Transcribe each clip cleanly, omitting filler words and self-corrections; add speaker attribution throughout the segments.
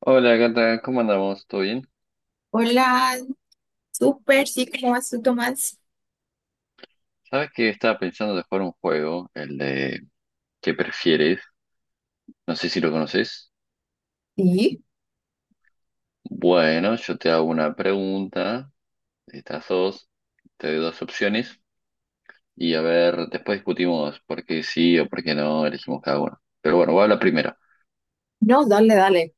Speaker 1: Hola gata, ¿cómo andamos? ¿Todo bien?
Speaker 2: Hola, súper, sí, ¿cómo vas tú, Tomás?
Speaker 1: ¿Sabes que estaba pensando de jugar un juego, el de ¿qué prefieres? No sé si lo conoces.
Speaker 2: Sí,
Speaker 1: Bueno, yo te hago una pregunta, estas dos, te doy dos opciones y a ver, después discutimos por qué sí o por qué no elegimos cada uno. Pero bueno, voy a la primera.
Speaker 2: no, dale, dale.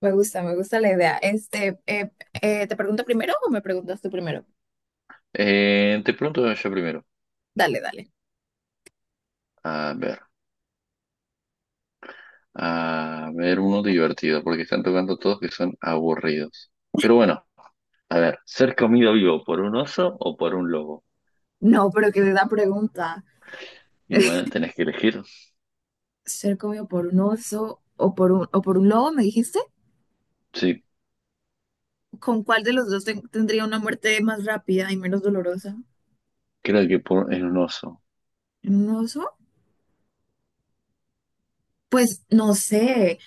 Speaker 2: Me gusta la idea. ¿Te pregunto primero o me preguntas tú primero?
Speaker 1: Te pregunto yo primero.
Speaker 2: Dale, dale.
Speaker 1: A ver, a ver uno divertido, porque están tocando todos que son aburridos. Pero bueno, a ver, ¿ser comido vivo por un oso o por un lobo?
Speaker 2: No, pero que de la pregunta.
Speaker 1: Y bueno, tenés que elegir.
Speaker 2: ¿Ser comido por un oso o por un lobo, me dijiste?
Speaker 1: Sí,
Speaker 2: ¿Con cuál de los dos tendría una muerte más rápida y menos dolorosa?
Speaker 1: creo que por, en un oso.
Speaker 2: ¿Un oso? Pues no sé,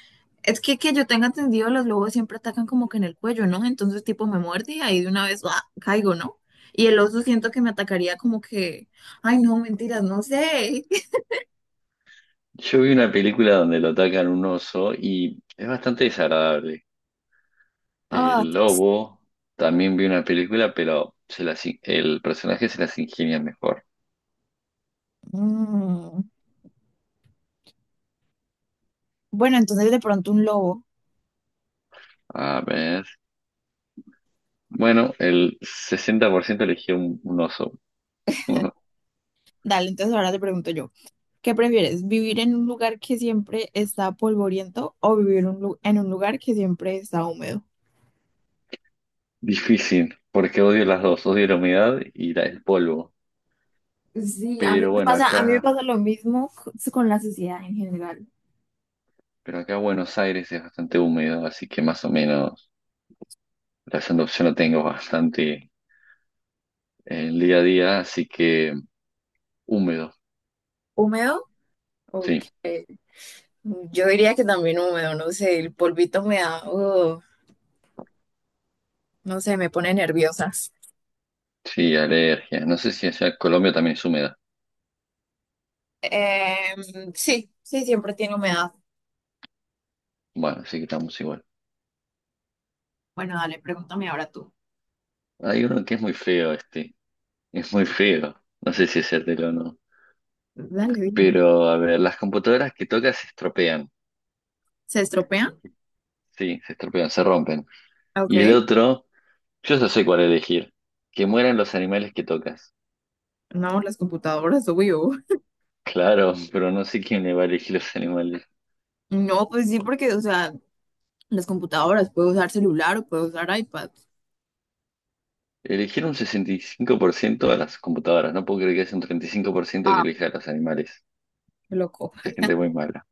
Speaker 2: es que yo tenga entendido, los lobos siempre atacan como que en el cuello, ¿no? Entonces tipo me muerde y ahí de una vez ¡ah! Caigo, ¿no? Y el oso siento que me atacaría como que, ay no, mentiras, no sé.
Speaker 1: Yo vi una película donde lo atacan un oso y es bastante desagradable.
Speaker 2: Ah,
Speaker 1: El lobo también vi una película, pero el personaje se las ingenia mejor.
Speaker 2: mm. Bueno, entonces de pronto un lobo.
Speaker 1: A ver. Bueno, el 60% eligió un oso.
Speaker 2: Dale, entonces ahora te pregunto yo, ¿qué prefieres? ¿Vivir en un lugar que siempre está polvoriento o vivir en un en un lugar que siempre está húmedo?
Speaker 1: Difícil, porque odio las dos, odio la humedad y el polvo.
Speaker 2: Sí, a mí
Speaker 1: Pero
Speaker 2: me
Speaker 1: bueno,
Speaker 2: pasa, a mí me
Speaker 1: acá,
Speaker 2: pasa lo mismo con la sociedad en general.
Speaker 1: pero acá Buenos Aires es bastante húmedo, así que más o menos la segunda opción la tengo bastante el día a día, así que húmedo,
Speaker 2: Húmedo. Ok,
Speaker 1: sí,
Speaker 2: yo diría que también húmedo, no sé, el polvito me da, no sé, me pone nerviosa.
Speaker 1: sí, alergia. No sé si allá Colombia también es húmeda.
Speaker 2: Sí, sí, siempre tiene humedad.
Speaker 1: Bueno, así que estamos igual.
Speaker 2: Bueno, dale, pregúntame ahora tú.
Speaker 1: Hay uno que es muy feo este, es muy feo. No sé si hacértelo o no.
Speaker 2: Dale, dime.
Speaker 1: Pero, a ver, las computadoras que tocas se estropean,
Speaker 2: ¿Se estropean?
Speaker 1: sí, se estropean, se rompen. Y el
Speaker 2: Ok,
Speaker 1: otro, yo ya sé cuál elegir. Que mueran los animales que tocas.
Speaker 2: no, las computadoras, obvio.
Speaker 1: Claro, pero no sé quién le va a elegir los animales.
Speaker 2: No, pues sí, porque, o sea, las computadoras, puedo usar celular o puedo usar iPad.
Speaker 1: Eligieron un 65% a las computadoras. No puedo creer que haya un treinta y cinco por ciento que
Speaker 2: Ah,
Speaker 1: elija a los animales.
Speaker 2: qué loco.
Speaker 1: Hay gente muy mala.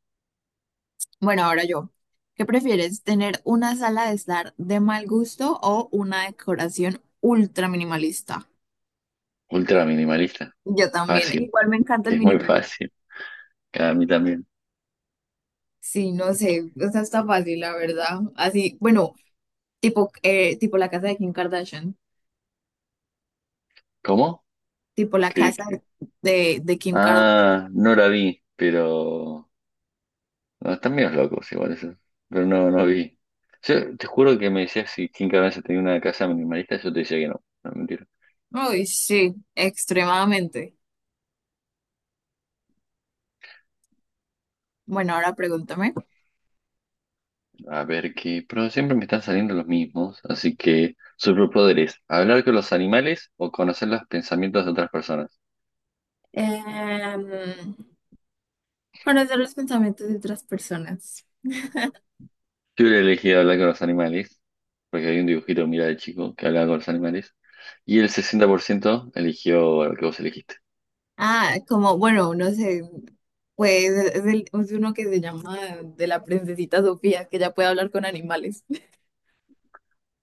Speaker 2: Bueno, ahora yo. ¿Qué prefieres, tener una sala de estar de mal gusto o una decoración ultra minimalista?
Speaker 1: Ultra minimalista.
Speaker 2: Yo también.
Speaker 1: Fácil.
Speaker 2: Igual me encanta el
Speaker 1: Es muy
Speaker 2: minimalismo.
Speaker 1: fácil. A mí también.
Speaker 2: Sí, no sé, o sea, está fácil, la verdad. Así, bueno, tipo la casa de Kim Kardashian,
Speaker 1: ¿Cómo?
Speaker 2: tipo la
Speaker 1: ¿Que?
Speaker 2: casa de Kim Kardashian.
Speaker 1: Ah, no la vi, pero no, están medios locos igual eso. Pero no, no vi. Yo te juro que me decías si Kim Kardashian tenía una casa minimalista, yo te decía que no. No, mentira.
Speaker 2: Uy, sí, extremadamente. Bueno, ahora pregúntame.
Speaker 1: A ver qué. Pero siempre me están saliendo los mismos. Así que superpoderes. Hablar con los animales o conocer los pensamientos de otras personas.
Speaker 2: Em, Conocer los pensamientos de otras personas.
Speaker 1: Yo hubiera elegido hablar con los animales, porque hay un dibujito, mira, de chico que hablaba con los animales, y el 60% eligió lo que vos elegiste.
Speaker 2: Ah, como, bueno, no sé, pues es, es uno que se llama de la princesita Sofía, que ya puede hablar con animales.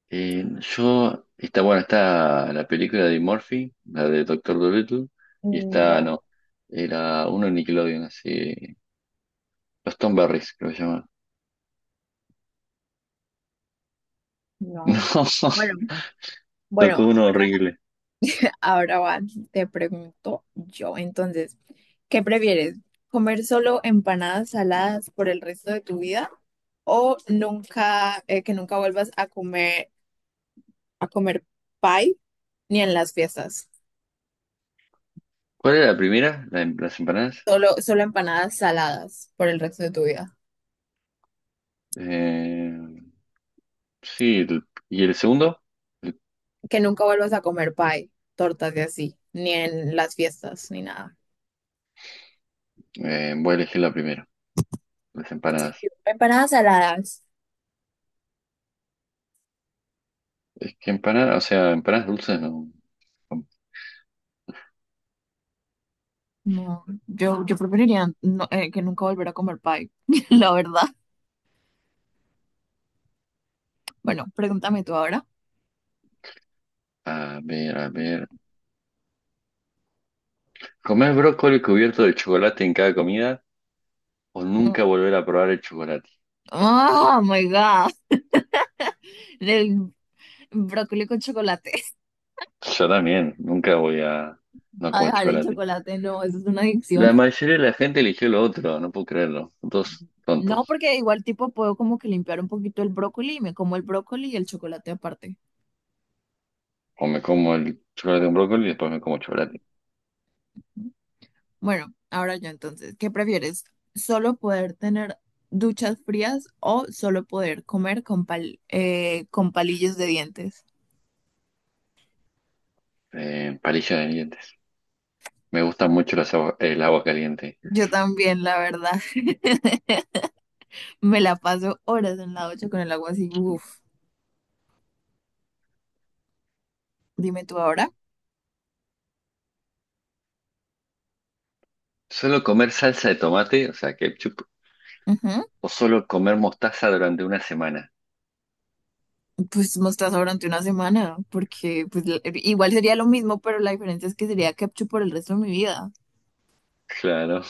Speaker 1: Eh, yo, está bueno, está la película de Murphy, la de Doctor Dolittle, y está,
Speaker 2: No,
Speaker 1: no, era uno de Nickelodeon, así, los Tom Berries, creo que se llama.
Speaker 2: no.
Speaker 1: No,
Speaker 2: Bueno, bueno,
Speaker 1: tocó uno horrible.
Speaker 2: ahora va, te pregunto yo, entonces, ¿qué prefieres? ¿Comer solo empanadas saladas por el resto de tu vida o nunca, que nunca vuelvas a comer pie ni en las fiestas?
Speaker 1: ¿Cuál era la primera? ¿La, las empanadas?
Speaker 2: Solo, solo empanadas saladas por el resto de tu vida.
Speaker 1: Eh, sí, y el segundo, el-
Speaker 2: Que nunca vuelvas a comer pie, tortas y así, ni en las fiestas, ni nada.
Speaker 1: voy a elegir la primera, las
Speaker 2: ¿En
Speaker 1: empanadas.
Speaker 2: serio? Empanadas saladas.
Speaker 1: Es que empanadas, o sea, empanadas dulces no.
Speaker 2: No, yo preferiría que nunca volver a comer pie, la verdad. Bueno, pregúntame tú ahora.
Speaker 1: A ver, a ver. ¿Comer brócoli cubierto de chocolate en cada comida o nunca volver a probar el chocolate?
Speaker 2: Oh my God, del brócoli con chocolate.
Speaker 1: Yo también, nunca voy a no
Speaker 2: A
Speaker 1: comer
Speaker 2: dejar el
Speaker 1: chocolate.
Speaker 2: chocolate, no, eso es una adicción.
Speaker 1: La mayoría de la gente eligió lo otro, no puedo creerlo. Son todos
Speaker 2: No,
Speaker 1: tontos.
Speaker 2: porque igual tipo puedo como que limpiar un poquito el brócoli y me como el brócoli y el chocolate aparte.
Speaker 1: O me como el chocolate con brócoli y después me como chocolate.
Speaker 2: Bueno, ahora yo entonces, ¿qué prefieres? ¿Solo poder tener duchas frías o solo poder comer con con palillos de dientes?
Speaker 1: Palillos de dientes. Me gusta mucho el agua caliente.
Speaker 2: Yo también, la verdad, me la paso horas en la ducha con el agua así, uff. Dime tú ahora.
Speaker 1: Solo comer salsa de tomate, o sea, ketchup,
Speaker 2: Ujú.
Speaker 1: o solo comer mostaza durante una semana.
Speaker 2: Pues mostaza durante una semana, porque pues igual sería lo mismo, pero la diferencia es que sería ketchup por el resto de mi vida.
Speaker 1: Claro.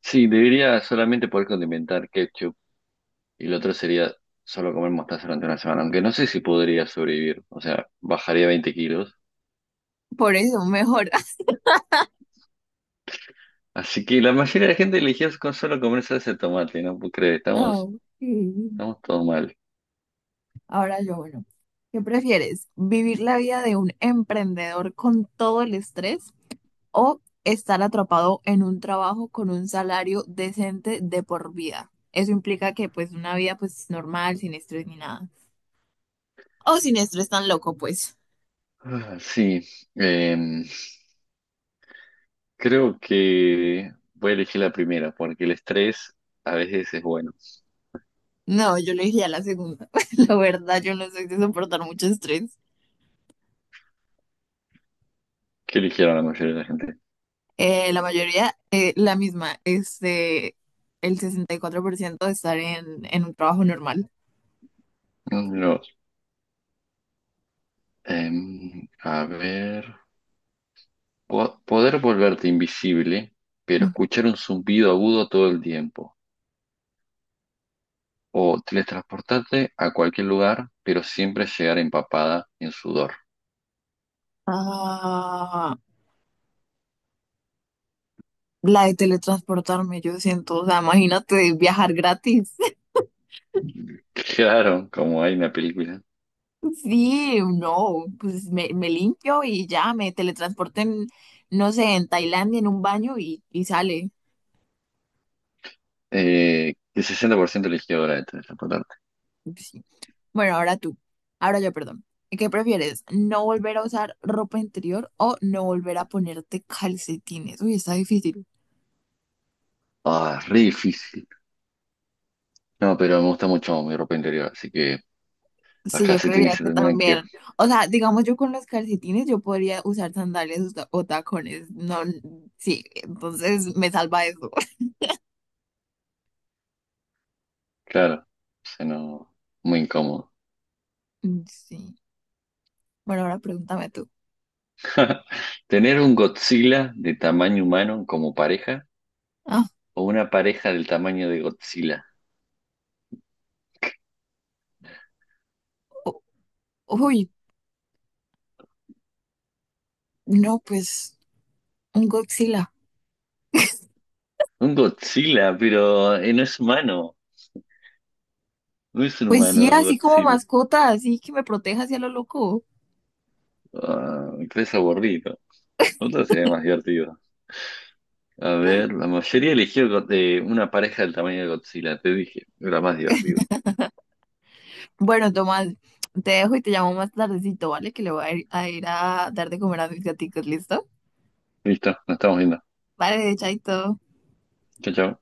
Speaker 1: Sí, debería solamente poder condimentar ketchup y lo otro sería solo comer mostaza durante una semana, aunque no sé si podría sobrevivir, o sea, bajaría 20 kilos.
Speaker 2: Por eso, mejor.
Speaker 1: Así que la mayoría de la gente eligió con solo comer salsa de tomate, ¿no? ¿Puedo creer?
Speaker 2: Ah, ok.
Speaker 1: Estamos todos mal.
Speaker 2: Ahora yo, bueno, ¿qué prefieres? ¿Vivir la vida de un emprendedor con todo el estrés o estar atrapado en un trabajo con un salario decente de por vida? Eso implica que pues una vida pues normal, sin estrés ni nada. O sin estrés tan loco, pues.
Speaker 1: Ah, sí, em, Creo que voy a elegir la primera, porque el estrés a veces es bueno.
Speaker 2: No, yo le dije a la segunda. La verdad, yo no soy de soportar mucho estrés.
Speaker 1: ¿Qué eligieron la mayoría de la gente?
Speaker 2: La mayoría, la misma, el 64% de estar en un trabajo normal.
Speaker 1: No, a ver. Poder volverte invisible, pero
Speaker 2: Ujú.
Speaker 1: escuchar un zumbido agudo todo el tiempo. O teletransportarte a cualquier lugar, pero siempre llegar empapada en sudor.
Speaker 2: Ah, la de teletransportarme, yo siento, o sea, imagínate viajar gratis.
Speaker 1: Claro, como hay una película.
Speaker 2: Sí, no, pues me limpio y ya me teletransporten, no sé, en Tailandia en un baño y sale.
Speaker 1: El 60% eligió ahora de teletransportarte.
Speaker 2: Sí. Bueno, ahora tú, ahora yo, perdón. ¿Qué prefieres? ¿No volver a usar ropa interior o no volver a ponerte calcetines? Uy, está difícil.
Speaker 1: Ah, re difícil. No, pero me gusta mucho mi ropa interior, así que las
Speaker 2: Sí, yo
Speaker 1: calcetines
Speaker 2: creería
Speaker 1: se
Speaker 2: que
Speaker 1: tendrán que ir.
Speaker 2: también. O sea, digamos, yo con los calcetines yo podría usar sandalias o o tacones. No, sí, entonces me salva eso.
Speaker 1: Claro, se no, muy incómodo.
Speaker 2: Mm, sí. Bueno, ahora pregúntame tú.
Speaker 1: Tener un Godzilla de tamaño humano como pareja,
Speaker 2: Ah,
Speaker 1: o una pareja del tamaño de Godzilla.
Speaker 2: u- uy, no, pues un Godzilla.
Speaker 1: Un Godzilla, pero no es humano. No es un
Speaker 2: Pues sí,
Speaker 1: humano
Speaker 2: así como
Speaker 1: Godzilla.
Speaker 2: mascota, así que me proteja hacia lo loco.
Speaker 1: Ah, es aburrido. Otro sería más divertido. A ver, la mayoría eligió de una pareja del tamaño de Godzilla, te dije. Era más divertido.
Speaker 2: Bueno, Tomás, te dejo y te llamo más tardecito, ¿vale? Que le voy a ir ir a dar de comer a mis gatitos, ¿listo?
Speaker 1: Listo, nos estamos viendo.
Speaker 2: Vale, chaito.
Speaker 1: Chao, chao.